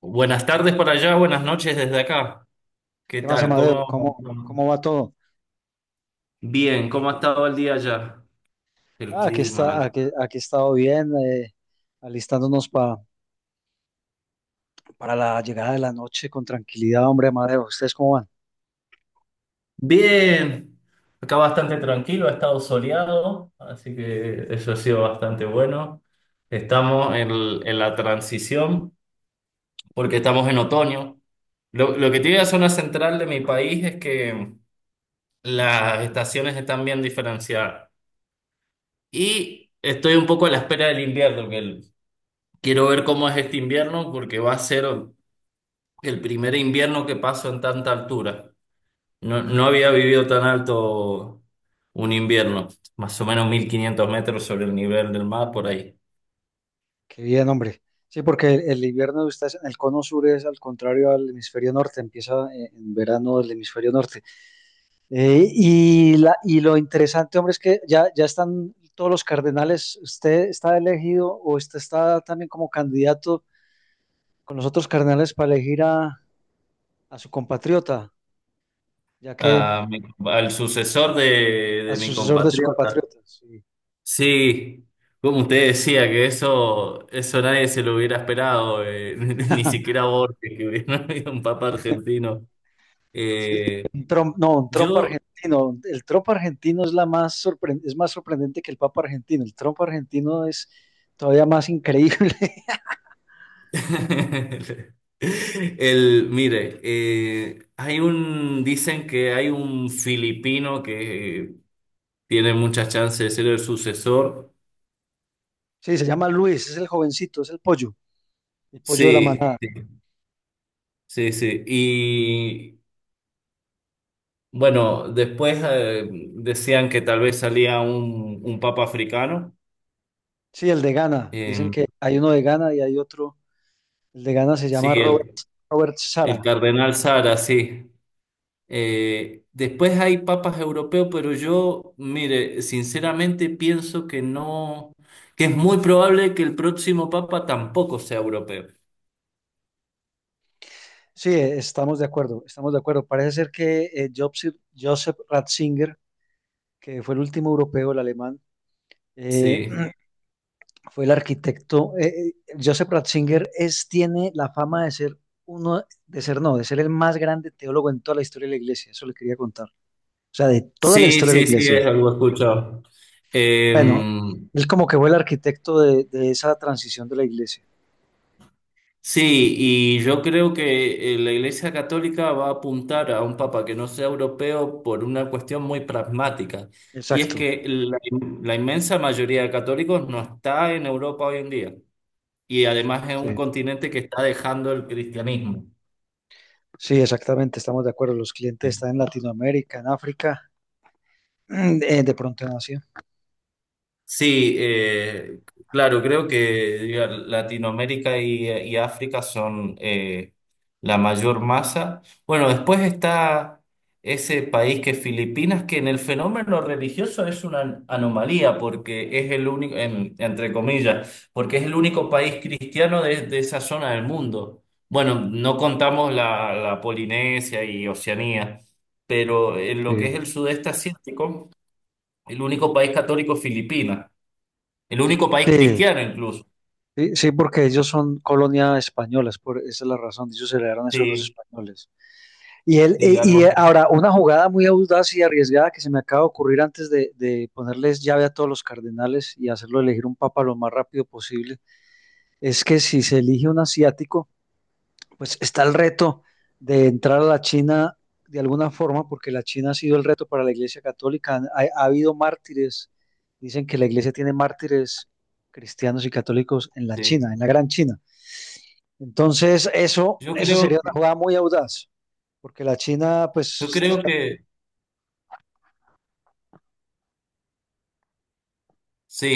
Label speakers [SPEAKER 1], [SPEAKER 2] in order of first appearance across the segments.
[SPEAKER 1] Buenas tardes por allá, buenas noches desde acá. ¿Qué
[SPEAKER 2] ¿Qué más,
[SPEAKER 1] tal?
[SPEAKER 2] Amadeo?
[SPEAKER 1] ¿Cómo?
[SPEAKER 2] ¿Cómo va todo?
[SPEAKER 1] Bien, ¿cómo ha estado el día allá? El
[SPEAKER 2] Ah, aquí está,
[SPEAKER 1] clima.
[SPEAKER 2] aquí he estado bien, alistándonos para la llegada de la noche con tranquilidad, hombre, Amadeo. ¿Ustedes cómo van?
[SPEAKER 1] Bien. Acá bastante tranquilo, ha estado soleado, así que eso ha sido bastante bueno. Estamos en la transición porque estamos en otoño. Lo que tiene la zona central de mi país es que las estaciones están bien diferenciadas. Y estoy un poco a la espera del invierno, Quiero ver cómo es este invierno porque va a ser el primer invierno que paso en tanta altura. No, no había vivido tan alto un invierno, más o menos 1500 metros sobre el nivel del mar, por ahí.
[SPEAKER 2] Qué bien, hombre. Sí, porque el invierno de ustedes en el cono sur es al contrario al hemisferio norte, empieza en verano del hemisferio norte. Y lo interesante, hombre, es que ya están todos los cardenales. ¿Usted está elegido o usted está también como candidato con los otros cardenales para elegir a su compatriota? Ya que
[SPEAKER 1] Ah, mi- Al sucesor de,
[SPEAKER 2] al
[SPEAKER 1] de mi
[SPEAKER 2] sucesor de su
[SPEAKER 1] compatriota.
[SPEAKER 2] compatriota. Sí.
[SPEAKER 1] Sí, como usted decía, que eso nadie se lo hubiera esperado, ni siquiera Borges, que hubiera habido un papa argentino.
[SPEAKER 2] Sí,
[SPEAKER 1] Eh,
[SPEAKER 2] un Trump, no, un Trump
[SPEAKER 1] yo
[SPEAKER 2] argentino. El Trump argentino es la más es más sorprendente que el Papa argentino. El Trump argentino es todavía más increíble.
[SPEAKER 1] El, mire, dicen que hay un filipino que tiene muchas chances de ser el sucesor.
[SPEAKER 2] Sí, se llama Luis, es el jovencito, es el pollo de la
[SPEAKER 1] Sí,
[SPEAKER 2] manada.
[SPEAKER 1] sí, sí, sí. Y bueno, después decían que tal vez salía un papa africano.
[SPEAKER 2] Sí, el de Ghana. Dicen
[SPEAKER 1] Eh,
[SPEAKER 2] que hay uno de Ghana y hay otro. El de Ghana se llama
[SPEAKER 1] sí,
[SPEAKER 2] Robert, Robert
[SPEAKER 1] el
[SPEAKER 2] Sara.
[SPEAKER 1] cardenal Sara, sí. Después hay papas europeos, pero yo, mire, sinceramente pienso que no, que es muy probable que el próximo papa tampoco sea europeo.
[SPEAKER 2] Sí, estamos de acuerdo, estamos de acuerdo. Parece ser que Joseph, Joseph Ratzinger, que fue el último europeo, el alemán. eh,
[SPEAKER 1] Sí,
[SPEAKER 2] Fue el arquitecto. Joseph Ratzinger es, tiene la fama de ser uno, de ser no, de ser el más grande teólogo en toda la historia de la iglesia. Eso le quería contar. O sea, de toda la
[SPEAKER 1] sí,
[SPEAKER 2] historia de la
[SPEAKER 1] sí, sí, es
[SPEAKER 2] iglesia.
[SPEAKER 1] algo escuchado. Eh,
[SPEAKER 2] Bueno, él como que fue el arquitecto de esa transición de la iglesia.
[SPEAKER 1] sí, y yo creo que la Iglesia Católica va a apuntar a un papa que no sea europeo por una cuestión muy pragmática, y es
[SPEAKER 2] Exacto.
[SPEAKER 1] que la inmensa mayoría de católicos no está en Europa hoy en día. Y además es
[SPEAKER 2] Sí,
[SPEAKER 1] un continente que está dejando el cristianismo.
[SPEAKER 2] sí, exactamente. Estamos de acuerdo. Los clientes están en Latinoamérica, en África, de pronto en Asia.
[SPEAKER 1] Sí, claro, creo que diga, Latinoamérica y África son la mayor masa. Bueno, después está ese país que es Filipinas, que en el fenómeno religioso es una anomalía, porque es el único, entre comillas, porque es el único país cristiano de esa zona del mundo. Bueno, no contamos la Polinesia y Oceanía, pero en lo que es
[SPEAKER 2] Sí.
[SPEAKER 1] el sudeste asiático, el único país católico es Filipinas. El único país
[SPEAKER 2] Sí,
[SPEAKER 1] cristiano incluso.
[SPEAKER 2] sí, sí, porque ellos son colonia españolas, por, esa es la razón, ellos heredaron eso de los
[SPEAKER 1] Sí,
[SPEAKER 2] españoles. Y, él,
[SPEAKER 1] sí,
[SPEAKER 2] y, y eh,
[SPEAKER 1] algo.
[SPEAKER 2] ahora, una jugada muy audaz y arriesgada que se me acaba de ocurrir antes de ponerles llave a todos los cardenales y hacerlo elegir un papa lo más rápido posible, es que si se elige un asiático, pues está el reto de entrar a la China de alguna forma, porque la China ha sido el reto para la Iglesia Católica. Habido mártires, dicen que la Iglesia tiene mártires cristianos y católicos en la
[SPEAKER 1] Así.
[SPEAKER 2] China,
[SPEAKER 1] Sí.
[SPEAKER 2] en la Gran China. Entonces,
[SPEAKER 1] Yo
[SPEAKER 2] eso
[SPEAKER 1] creo,
[SPEAKER 2] sería una jugada muy audaz, porque la China,
[SPEAKER 1] yo
[SPEAKER 2] pues
[SPEAKER 1] creo que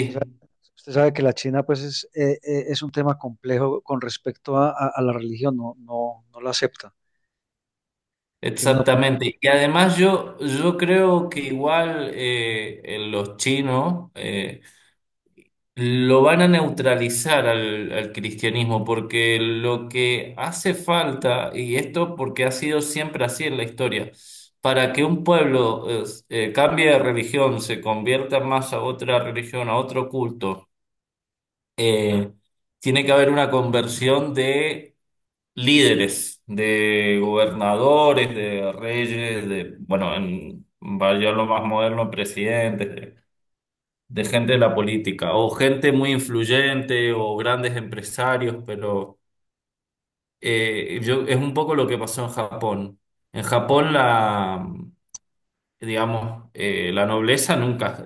[SPEAKER 2] usted sabe, usted sabe que la China pues es un tema complejo con respecto a la religión, no la acepta. Tiene una
[SPEAKER 1] exactamente. Y además yo creo que igual los chinos lo van a neutralizar al cristianismo, porque lo que hace falta, y esto porque ha sido siempre así en la historia, para que un pueblo cambie de religión, se convierta más a otra religión, a otro culto eh, tiene que haber una conversión de líderes, de gobernadores, de reyes, de, bueno, en, vaya lo más moderno, presidentes, de gente de la política, o gente muy influyente, o grandes empresarios, pero es un poco lo que pasó en Japón. En Japón digamos, la nobleza nunca...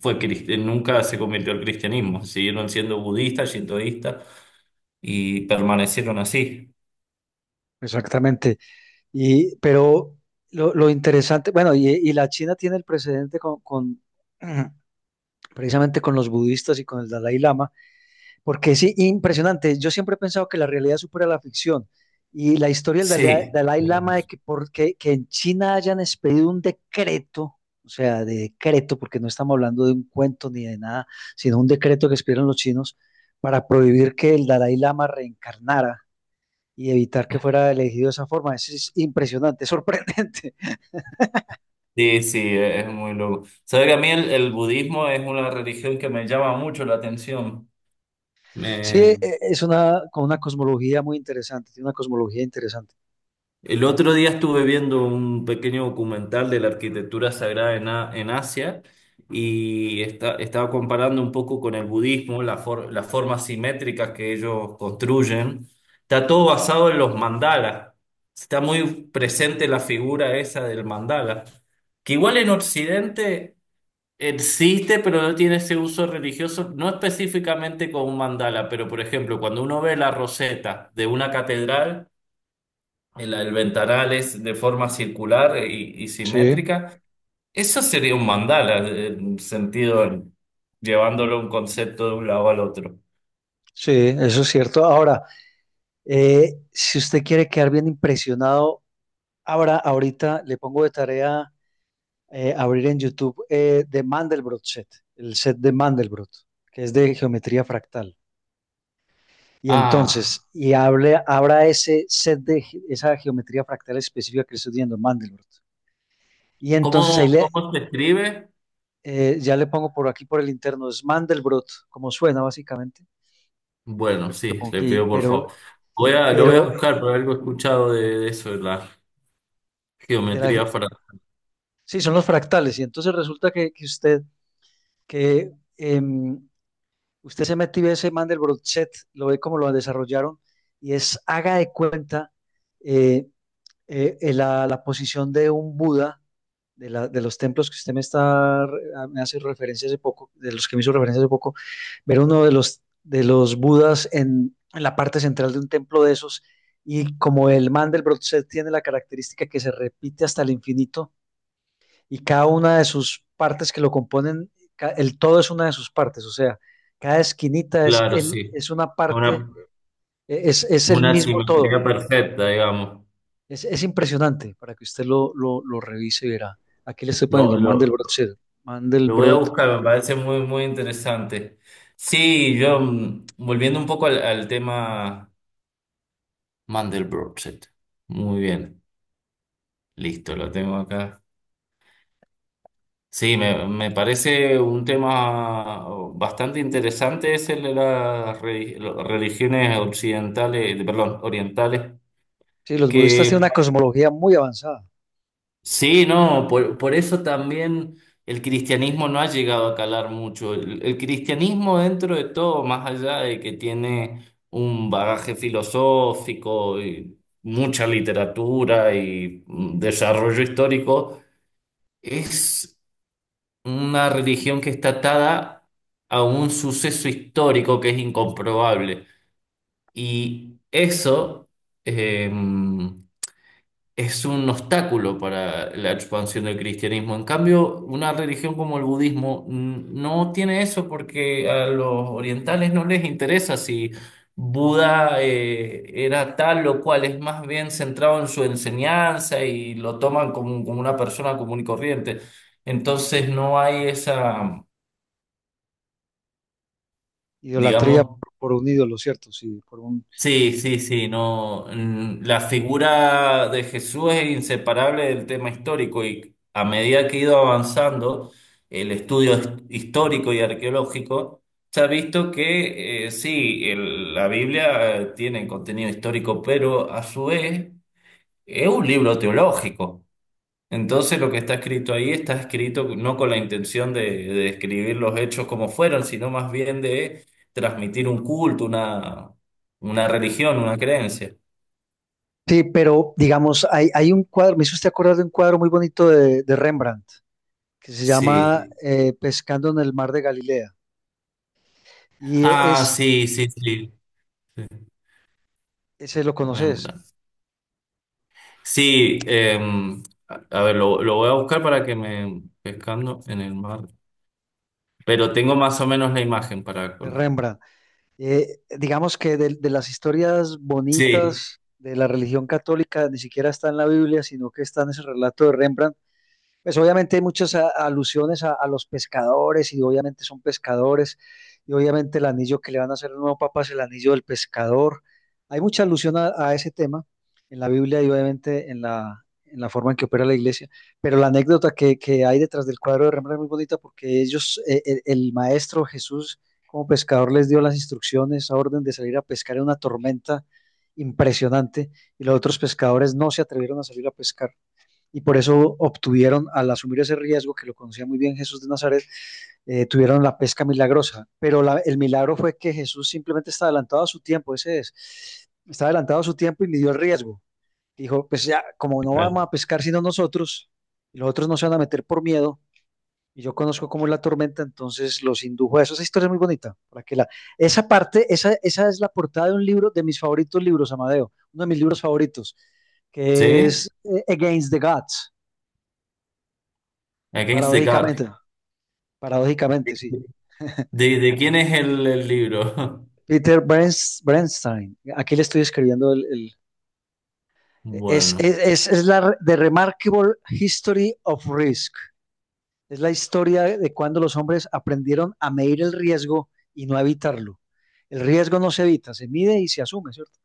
[SPEAKER 1] nunca se convirtió al cristianismo, siguieron siendo budistas, shintoístas, y permanecieron así.
[SPEAKER 2] exactamente. Y, pero lo interesante, bueno, y la China tiene el precedente con precisamente con los budistas y con el Dalai Lama. Porque es impresionante. Yo siempre he pensado que la realidad supera la ficción. Y la historia del
[SPEAKER 1] Sí.
[SPEAKER 2] Dalai Lama de que, porque que, en China hayan expedido un decreto, o sea, de decreto, porque no estamos hablando de un cuento ni de nada, sino un decreto que expidieron los chinos para prohibir que el Dalai Lama reencarnara y evitar que fuera elegido de esa forma. Eso es impresionante, es sorprendente.
[SPEAKER 1] Sí, sí, es muy loco. Sabes que a mí el budismo es una religión que me llama mucho la atención.
[SPEAKER 2] Sí,
[SPEAKER 1] Me,
[SPEAKER 2] es una, con una cosmología muy interesante, tiene una cosmología interesante.
[SPEAKER 1] el otro día estuve viendo un pequeño documental de la arquitectura sagrada en Asia y estaba comparando un poco con el budismo, las formas simétricas que ellos construyen. Está todo basado en los mandalas. Está muy presente la figura esa del mandala, que igual en Occidente existe, pero no tiene ese uso religioso, no específicamente con un mandala, pero por ejemplo, cuando uno ve la roseta de una catedral, el ventanal es de forma circular y
[SPEAKER 2] Sí,
[SPEAKER 1] simétrica. Eso sería un mandala, llevándolo un concepto de un lado al otro.
[SPEAKER 2] sí, eso es cierto. Ahora, si usted quiere quedar bien impresionado, ahora, ahorita le pongo de tarea abrir en YouTube de Mandelbrot set, el set de Mandelbrot, que es de geometría fractal. Y
[SPEAKER 1] Ah,
[SPEAKER 2] entonces, y hable, abra ese set esa geometría fractal específica que le estoy diciendo, Mandelbrot. Y entonces
[SPEAKER 1] ¿cómo,
[SPEAKER 2] ahí le,
[SPEAKER 1] cómo se escribe?
[SPEAKER 2] ya le pongo por aquí por el interno, es Mandelbrot, como suena básicamente.
[SPEAKER 1] Bueno,
[SPEAKER 2] Pero, se lo
[SPEAKER 1] sí,
[SPEAKER 2] pongo
[SPEAKER 1] le pido
[SPEAKER 2] aquí,
[SPEAKER 1] por
[SPEAKER 2] pero,
[SPEAKER 1] favor. Lo voy a
[SPEAKER 2] pero eh,
[SPEAKER 1] buscar, pero algo he escuchado de eso, de la
[SPEAKER 2] de la
[SPEAKER 1] geometría
[SPEAKER 2] ge-
[SPEAKER 1] fra-
[SPEAKER 2] sí, son los fractales. Y entonces resulta que usted que em, usted se mete y ve ese mandelbrot set lo ve como lo desarrollaron, y es haga de cuenta eh, la posición de un Buda, de, de los templos que usted me está, me hace referencia hace poco, de los que me hizo referencia hace poco, ver uno de los Budas en la parte central de un templo de esos, y como el mandelbrot set tiene la característica que se repite hasta el infinito, y cada una de sus partes que lo componen, el todo es una de sus partes, o sea, cada esquinita es,
[SPEAKER 1] Claro,
[SPEAKER 2] el,
[SPEAKER 1] sí.
[SPEAKER 2] es una parte,
[SPEAKER 1] Una,
[SPEAKER 2] es el
[SPEAKER 1] una
[SPEAKER 2] mismo todo.
[SPEAKER 1] simetría perfecta, digamos.
[SPEAKER 2] Es impresionante para que usted lo revise y verá. Aquí le estoy
[SPEAKER 1] Lo,
[SPEAKER 2] poniendo
[SPEAKER 1] lo, Lo voy a
[SPEAKER 2] Mandelbrot.
[SPEAKER 1] buscar, me parece muy, muy interesante. Sí, volviendo un poco al tema Mandelbrot. Muy bien, listo, lo tengo acá. Sí, me parece un tema bastante interesante, es el de las religiones occidentales, perdón, orientales,
[SPEAKER 2] Sí, los budistas tienen
[SPEAKER 1] que
[SPEAKER 2] una cosmología muy avanzada,
[SPEAKER 1] sí, no, por eso también el cristianismo no ha llegado a calar mucho. El cristianismo dentro de todo, más allá de que tiene un bagaje filosófico y mucha literatura y desarrollo histórico, es una religión que está atada a un suceso histórico que es incomprobable. Y eso... em, es un obstáculo para la expansión del cristianismo. En cambio, una religión como el budismo no tiene eso porque a los orientales no les interesa si Buda era tal o cual, es más bien centrado en su enseñanza y lo toman como, como una persona común y corriente. Entonces no hay esa,
[SPEAKER 2] idolatría
[SPEAKER 1] digamos,
[SPEAKER 2] por un ídolo, ¿cierto? Sí, por un
[SPEAKER 1] sí, sí, sí, no. La figura de Jesús es inseparable del tema histórico y a medida que ha ido avanzando el estudio histórico y arqueológico, se ha visto que sí, la Biblia tiene contenido histórico, pero a su vez es un libro teológico. Entonces lo que está escrito ahí está escrito no con la intención de describir los hechos como fueron, sino más bien de transmitir un culto, una religión, una creencia.
[SPEAKER 2] sí, pero digamos, hay un cuadro, me hizo usted acordar de un cuadro muy bonito de Rembrandt, que se llama
[SPEAKER 1] Sí.
[SPEAKER 2] Pescando en el Mar de Galilea. Y e,
[SPEAKER 1] Ah,
[SPEAKER 2] es,
[SPEAKER 1] sí, sí, sí. Sí,
[SPEAKER 2] ese lo conoces,
[SPEAKER 1] Rembrandt. Sí, a ver, lo voy a buscar para que me... Pescando en el mar. Pero tengo más o menos la imagen para...
[SPEAKER 2] de
[SPEAKER 1] colo-
[SPEAKER 2] Rembrandt. Digamos que de las historias
[SPEAKER 1] Sí.
[SPEAKER 2] bonitas de la religión católica ni siquiera está en la Biblia, sino que está en ese relato de Rembrandt. Pues obviamente hay muchas alusiones a los pescadores y obviamente son pescadores y obviamente el anillo que le van a hacer al nuevo papa es el anillo del pescador. Hay mucha alusión a ese tema en la Biblia y obviamente en en la forma en que opera la iglesia, pero la anécdota que hay detrás del cuadro de Rembrandt es muy bonita porque ellos, el maestro Jesús como pescador les dio las instrucciones, orden de salir a pescar en una tormenta impresionante y los otros pescadores no se atrevieron a salir a pescar y por eso obtuvieron, al asumir ese riesgo que lo conocía muy bien Jesús de Nazaret, tuvieron la pesca milagrosa. Pero la, el milagro fue que Jesús simplemente está adelantado a su tiempo, ese es, está adelantado a su tiempo y midió el riesgo. Dijo, pues ya, como no vamos a pescar sino nosotros, y los otros no se van a meter por miedo, y yo conozco cómo es la tormenta, entonces los indujo a eso. Esa historia es muy bonita. Para que la, esa parte, esa es la portada de un libro, de mis favoritos libros, Amadeo, uno de mis libros favoritos, que
[SPEAKER 1] ¿Sí?
[SPEAKER 2] es Against the Gods.
[SPEAKER 1] Against the God.
[SPEAKER 2] Paradójicamente, paradójicamente, sí.
[SPEAKER 1] De quién es el libro?
[SPEAKER 2] Bernstein. Aquí le estoy escribiendo el
[SPEAKER 1] Bueno.
[SPEAKER 2] es la The Remarkable History of Risk. Es la historia de cuando los hombres aprendieron a medir el riesgo y no a evitarlo. El riesgo no se evita, se mide y se asume, ¿cierto?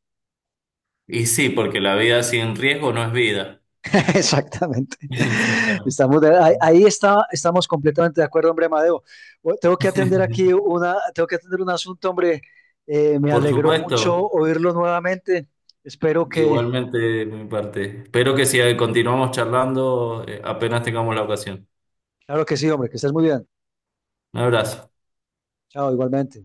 [SPEAKER 1] Y sí, porque la vida sin riesgo no es vida.
[SPEAKER 2] Exactamente.
[SPEAKER 1] Exactamente.
[SPEAKER 2] Ahí ahí está, estamos completamente de acuerdo, hombre, Amadeo. Bueno, tengo que atender aquí una, tengo que atender un asunto, hombre. Me
[SPEAKER 1] Por
[SPEAKER 2] alegró
[SPEAKER 1] supuesto,
[SPEAKER 2] mucho oírlo nuevamente. Espero que,
[SPEAKER 1] igualmente de mi parte. Espero que si continuamos charlando, apenas tengamos la ocasión.
[SPEAKER 2] claro que sí, hombre, que estés muy bien.
[SPEAKER 1] Un abrazo.
[SPEAKER 2] Chao, igualmente.